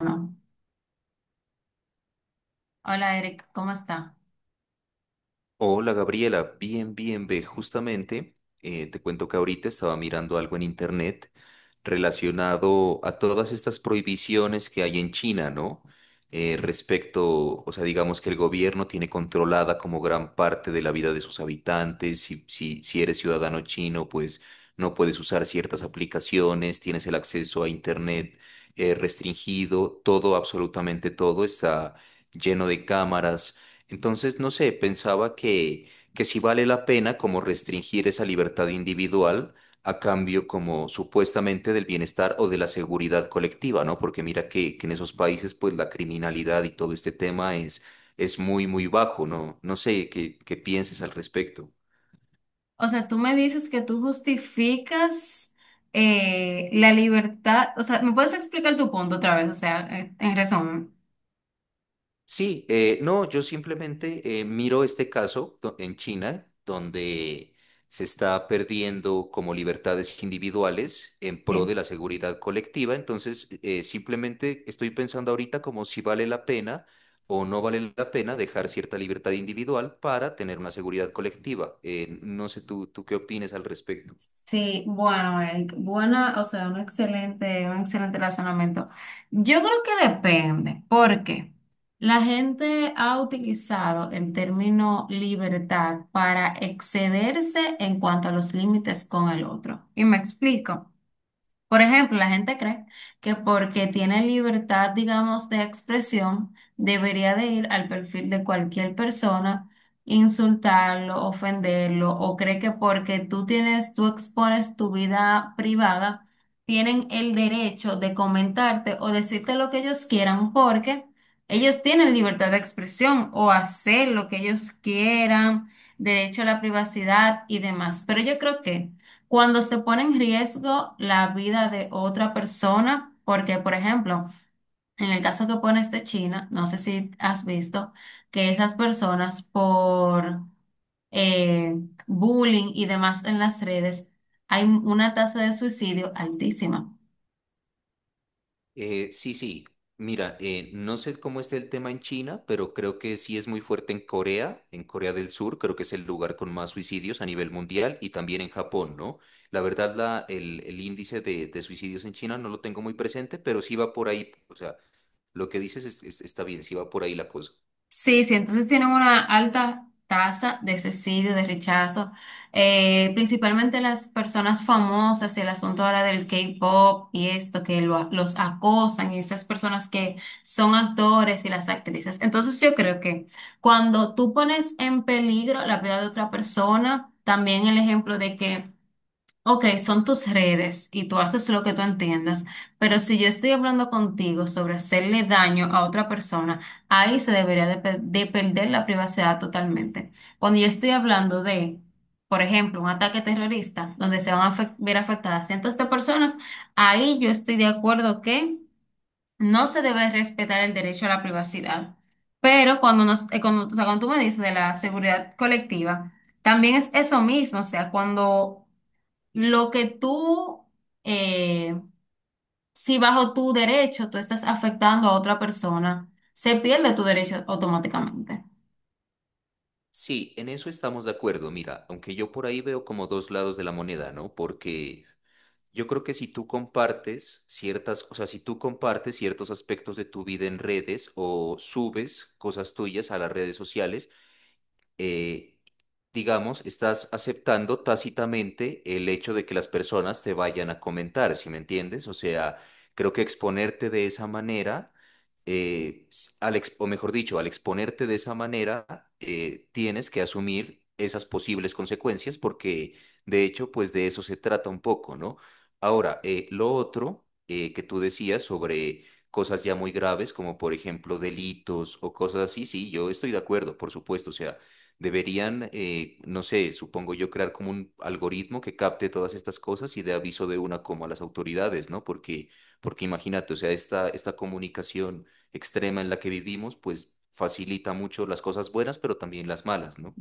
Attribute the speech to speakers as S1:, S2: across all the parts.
S1: No. Hola Eric, ¿cómo está?
S2: Hola Gabriela, bien, bien, ve, justamente te cuento que ahorita estaba mirando algo en internet relacionado a todas estas prohibiciones que hay en China, ¿no? Respecto, o sea, digamos que el gobierno tiene controlada como gran parte de la vida de sus habitantes, si, si eres ciudadano chino, pues no puedes usar ciertas aplicaciones, tienes el acceso a internet restringido, todo, absolutamente todo está lleno de cámaras. Entonces, no sé, que sí vale la pena como restringir esa libertad individual a cambio como supuestamente del bienestar o de la seguridad colectiva, ¿no? Porque mira que en esos países pues la criminalidad y todo este tema es muy, muy bajo, ¿no? No sé qué pienses al respecto.
S1: O sea, tú me dices que tú justificas la libertad, o sea, ¿me puedes explicar tu punto otra vez? O sea, en resumen.
S2: Sí, no, yo simplemente miro este caso en China, donde se está perdiendo como libertades individuales en pro
S1: Sí.
S2: de la seguridad colectiva. Entonces, simplemente estoy pensando ahorita como si vale la pena o no vale la pena dejar cierta libertad individual para tener una seguridad colectiva. No sé tú, qué opinas al respecto.
S1: Sí, bueno, Eric, buena, o sea, un excelente razonamiento. Yo creo que depende, porque la gente ha utilizado el término libertad para excederse en cuanto a los límites con el otro. Y me explico. Por ejemplo, la gente cree que porque tiene libertad, digamos, de expresión, debería de ir al perfil de cualquier persona, insultarlo, ofenderlo, o cree que porque tú tienes, tú expones tu vida privada, tienen el derecho de comentarte o decirte lo que ellos quieran porque ellos tienen libertad de expresión o hacer lo que ellos quieran, derecho a la privacidad y demás. Pero yo creo que cuando se pone en riesgo la vida de otra persona, porque, por ejemplo, en el caso que pones de China, no sé si has visto que esas personas por eh, bullying y demás en las redes, hay una tasa de suicidio altísima.
S2: Sí, sí. Mira, no sé cómo está el tema en China, pero creo que sí es muy fuerte en Corea del Sur, creo que es el lugar con más suicidios a nivel mundial y también en Japón, ¿no? La verdad, el índice de suicidios en China no lo tengo muy presente, pero sí va por ahí, o sea, lo que dices está bien, sí va por ahí la cosa.
S1: Sí, sí, entonces tienen una alta tasa de suicidio, de rechazo. Principalmente las personas famosas, el asunto ahora del K-pop y esto, que los acosan, y esas personas que son actores y las actrices. Entonces yo creo que cuando tú pones en peligro la vida de otra persona, también el ejemplo de que, ok, son tus redes y tú haces lo que tú entiendas, pero si yo estoy hablando contigo sobre hacerle daño a otra persona, ahí se debería de perder la privacidad totalmente. Cuando yo estoy hablando de, por ejemplo, un ataque terrorista donde se van a ver afectadas cientos de personas, ahí yo estoy de acuerdo que no se debe respetar el derecho a la privacidad. Pero cuando, o sea, cuando tú me dices de la seguridad colectiva, también es eso mismo, o sea, cuando... Lo que tú, eh, si bajo tu derecho tú estás afectando a otra persona, se pierde tu derecho automáticamente.
S2: Sí, en eso estamos de acuerdo, mira, aunque yo por ahí veo como dos lados de la moneda, ¿no? Porque… Yo creo que si tú compartes ciertas, o sea, si tú compartes ciertos aspectos de tu vida en redes o subes cosas tuyas a las redes sociales, eh, digamos, estás aceptando tácitamente el hecho de que las personas te vayan a comentar, ¿sí me entiendes? O sea, creo que exponerte de esa manera, o mejor dicho, al exponerte de esa manera, tienes que asumir esas posibles consecuencias porque, de hecho, pues de eso se trata un poco, ¿no? Ahora, lo otro que tú decías sobre cosas ya muy graves, como por ejemplo delitos o cosas así, sí, yo estoy de acuerdo, por supuesto, o sea, deberían, no sé, supongo yo, crear como un algoritmo que capte todas estas cosas y dé aviso de una como a las autoridades, ¿no? Porque, porque imagínate, o sea, esta comunicación extrema en la que vivimos, pues facilita mucho las cosas buenas, pero también las malas, ¿no?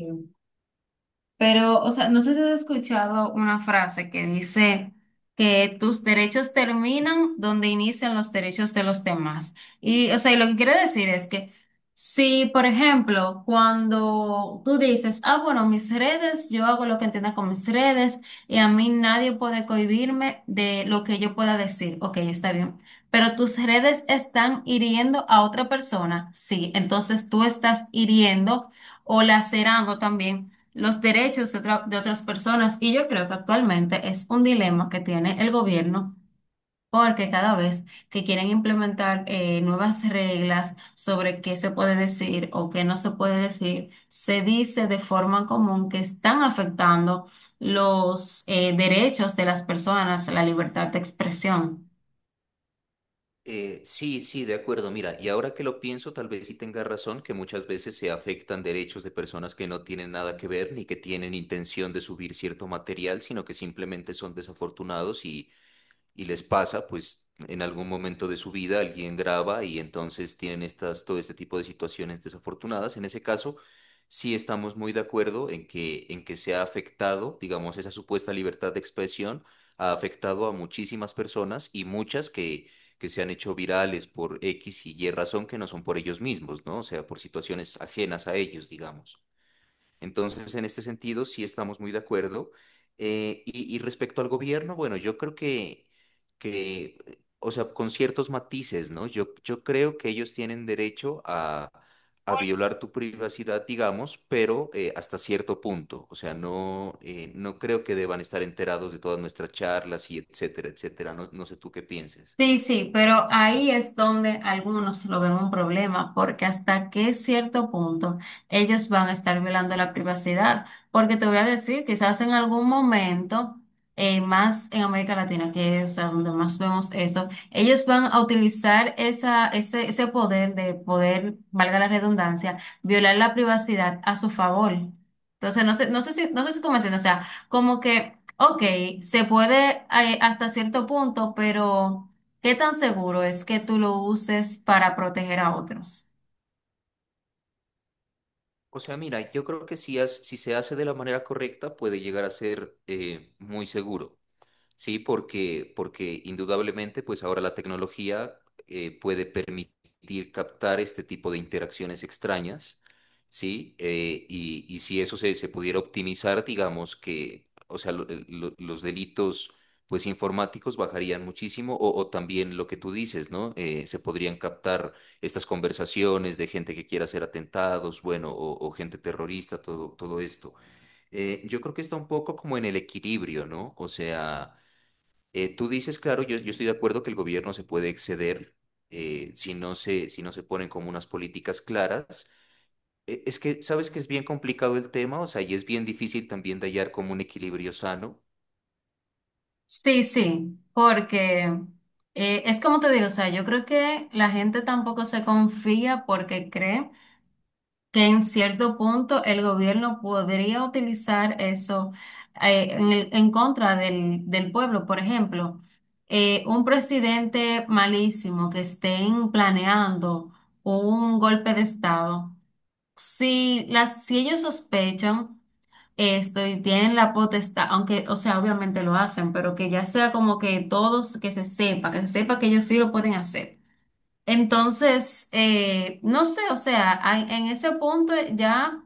S1: Pero, o sea, no sé si has escuchado una frase que dice que tus derechos terminan donde inician los derechos de los demás. Y, o sea, y lo que quiere decir es que si, por ejemplo, cuando tú dices, ah, bueno, mis redes, yo hago lo que entienda con mis redes y a mí nadie puede cohibirme de lo que yo pueda decir. Ok, está bien. Pero tus redes están hiriendo a otra persona. Sí, entonces tú estás hiriendo o lacerando también los derechos de, de otras personas. Y yo creo que actualmente es un dilema que tiene el gobierno. Porque cada vez que quieren implementar nuevas reglas sobre qué se puede decir o qué no se puede decir, se dice de forma común que están afectando los derechos de las personas, la libertad de expresión.
S2: Sí, sí, de acuerdo. Mira, y ahora que lo pienso, tal vez sí tenga razón que muchas veces se afectan derechos de personas que no tienen nada que ver ni que tienen intención de subir cierto material, sino que simplemente son desafortunados y les pasa, pues en algún momento de su vida alguien graba y entonces tienen estas, todo este tipo de situaciones desafortunadas. En ese caso, sí estamos muy de acuerdo en en que se ha afectado, digamos, esa supuesta libertad de expresión ha afectado a muchísimas personas y muchas que se han hecho virales por X y Y razón que no son por ellos mismos, ¿no? O sea, por situaciones ajenas a ellos, digamos. Entonces, en este sentido, sí estamos muy de acuerdo. Y respecto al gobierno, bueno, yo creo que, o sea, con ciertos matices, ¿no? Yo creo que ellos tienen derecho a violar tu privacidad, digamos, pero hasta cierto punto. O sea, no, no creo que deban estar enterados de todas nuestras charlas y etcétera, etcétera. No, no sé tú qué pienses.
S1: Sí, sí, pero ahí es donde algunos lo ven un problema, porque hasta qué cierto punto ellos van a estar violando la privacidad. Porque te voy a decir, quizás en algún momento, más en América Latina, que es a donde más vemos eso, ellos van a utilizar ese poder de poder, valga la redundancia, violar la privacidad a su favor. Entonces, no sé, no sé si tú me entiendes, o sea, como que, ok, se puede, hasta cierto punto, pero... ¿Qué tan seguro es que tú lo uses para proteger a otros?
S2: O sea, mira, yo creo que si, si se hace de la manera correcta, puede llegar a ser muy seguro. Sí, porque, porque indudablemente, pues ahora la tecnología puede permitir captar este tipo de interacciones extrañas, ¿sí? Y si eso se pudiera optimizar, digamos que, o sea, los delitos pues informáticos bajarían muchísimo, o también lo que tú dices, ¿no? Se podrían captar estas conversaciones de gente que quiera hacer atentados, bueno, o gente terrorista, todo, todo esto. Yo creo que está un poco como en el equilibrio, ¿no? O sea, tú dices, claro, yo estoy de acuerdo que el gobierno se puede exceder si no se ponen como unas políticas claras. Es que, ¿sabes que es bien complicado el tema? O sea, y es bien difícil también de hallar como un equilibrio sano.
S1: Sí, sí, porque es como te digo, o sea, yo creo que la gente tampoco se confía porque cree que en cierto punto el gobierno podría utilizar eso en contra del pueblo. Por ejemplo, un presidente malísimo que estén planeando un golpe de estado. Si ellos sospechan esto y tienen la potestad, aunque, o sea, obviamente lo hacen, pero que ya sea como que todos, que se sepa que ellos sí lo pueden hacer. Entonces, no sé, o sea, en ese punto ya...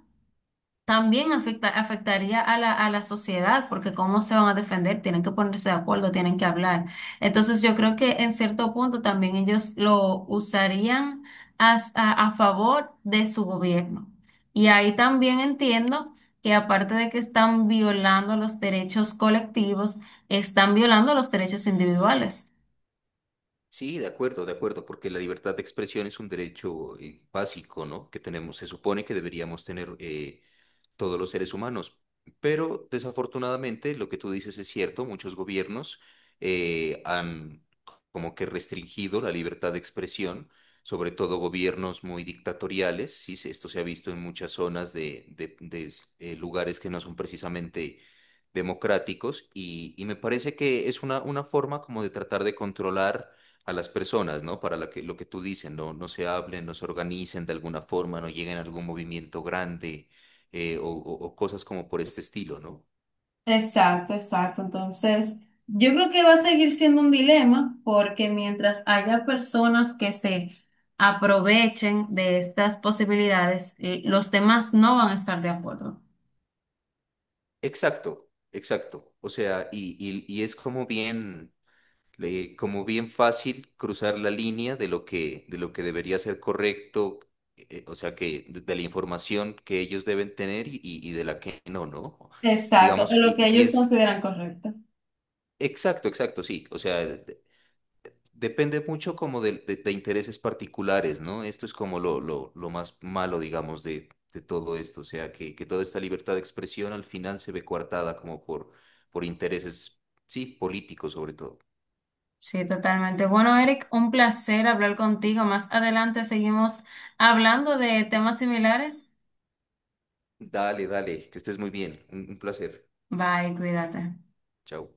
S1: También afecta, afectaría a a la sociedad, porque cómo se van a defender, tienen que ponerse de acuerdo, tienen que hablar. Entonces yo creo que en cierto punto también ellos lo usarían a favor de su gobierno. Y ahí también entiendo que aparte de que están violando los derechos colectivos, están violando los derechos individuales.
S2: Sí, de acuerdo, porque la libertad de expresión es un derecho básico, ¿no? Que tenemos, se supone que deberíamos tener todos los seres humanos. Pero desafortunadamente, lo que tú dices es cierto, muchos gobiernos han como que restringido la libertad de expresión, sobre todo gobiernos muy dictatoriales, sí, esto se ha visto en muchas zonas lugares que no son precisamente democráticos y me parece que es una forma como de tratar de controlar a las personas, ¿no? Para la que, lo que tú dices, no, no se hablen, no se organicen de alguna forma, no lleguen a algún movimiento grande, o cosas como por este estilo, ¿no?
S1: Exacto, exacto. Entonces, yo creo que va a seguir siendo un dilema porque mientras haya personas que se aprovechen de estas posibilidades, los demás no van a estar de acuerdo.
S2: Exacto, exacto. O sea, y es como bien fácil cruzar la línea de lo que debería ser correcto, o sea, que de la información que ellos deben tener y de la que no, ¿no?
S1: Exacto, o
S2: Digamos,
S1: lo que
S2: y
S1: ellos
S2: es…
S1: consideran correcto.
S2: Exacto, exacto, sí. O sea, depende mucho como de intereses particulares, ¿no? Esto es como lo más malo, digamos, de todo esto. O sea, que toda esta libertad de expresión al final se ve coartada como por intereses, sí, políticos sobre todo.
S1: Sí, totalmente. Bueno, Eric, un placer hablar contigo. Más adelante seguimos hablando de temas similares.
S2: Dale, dale, que estés muy bien. Un placer.
S1: Bye, cuídate.
S2: Chao.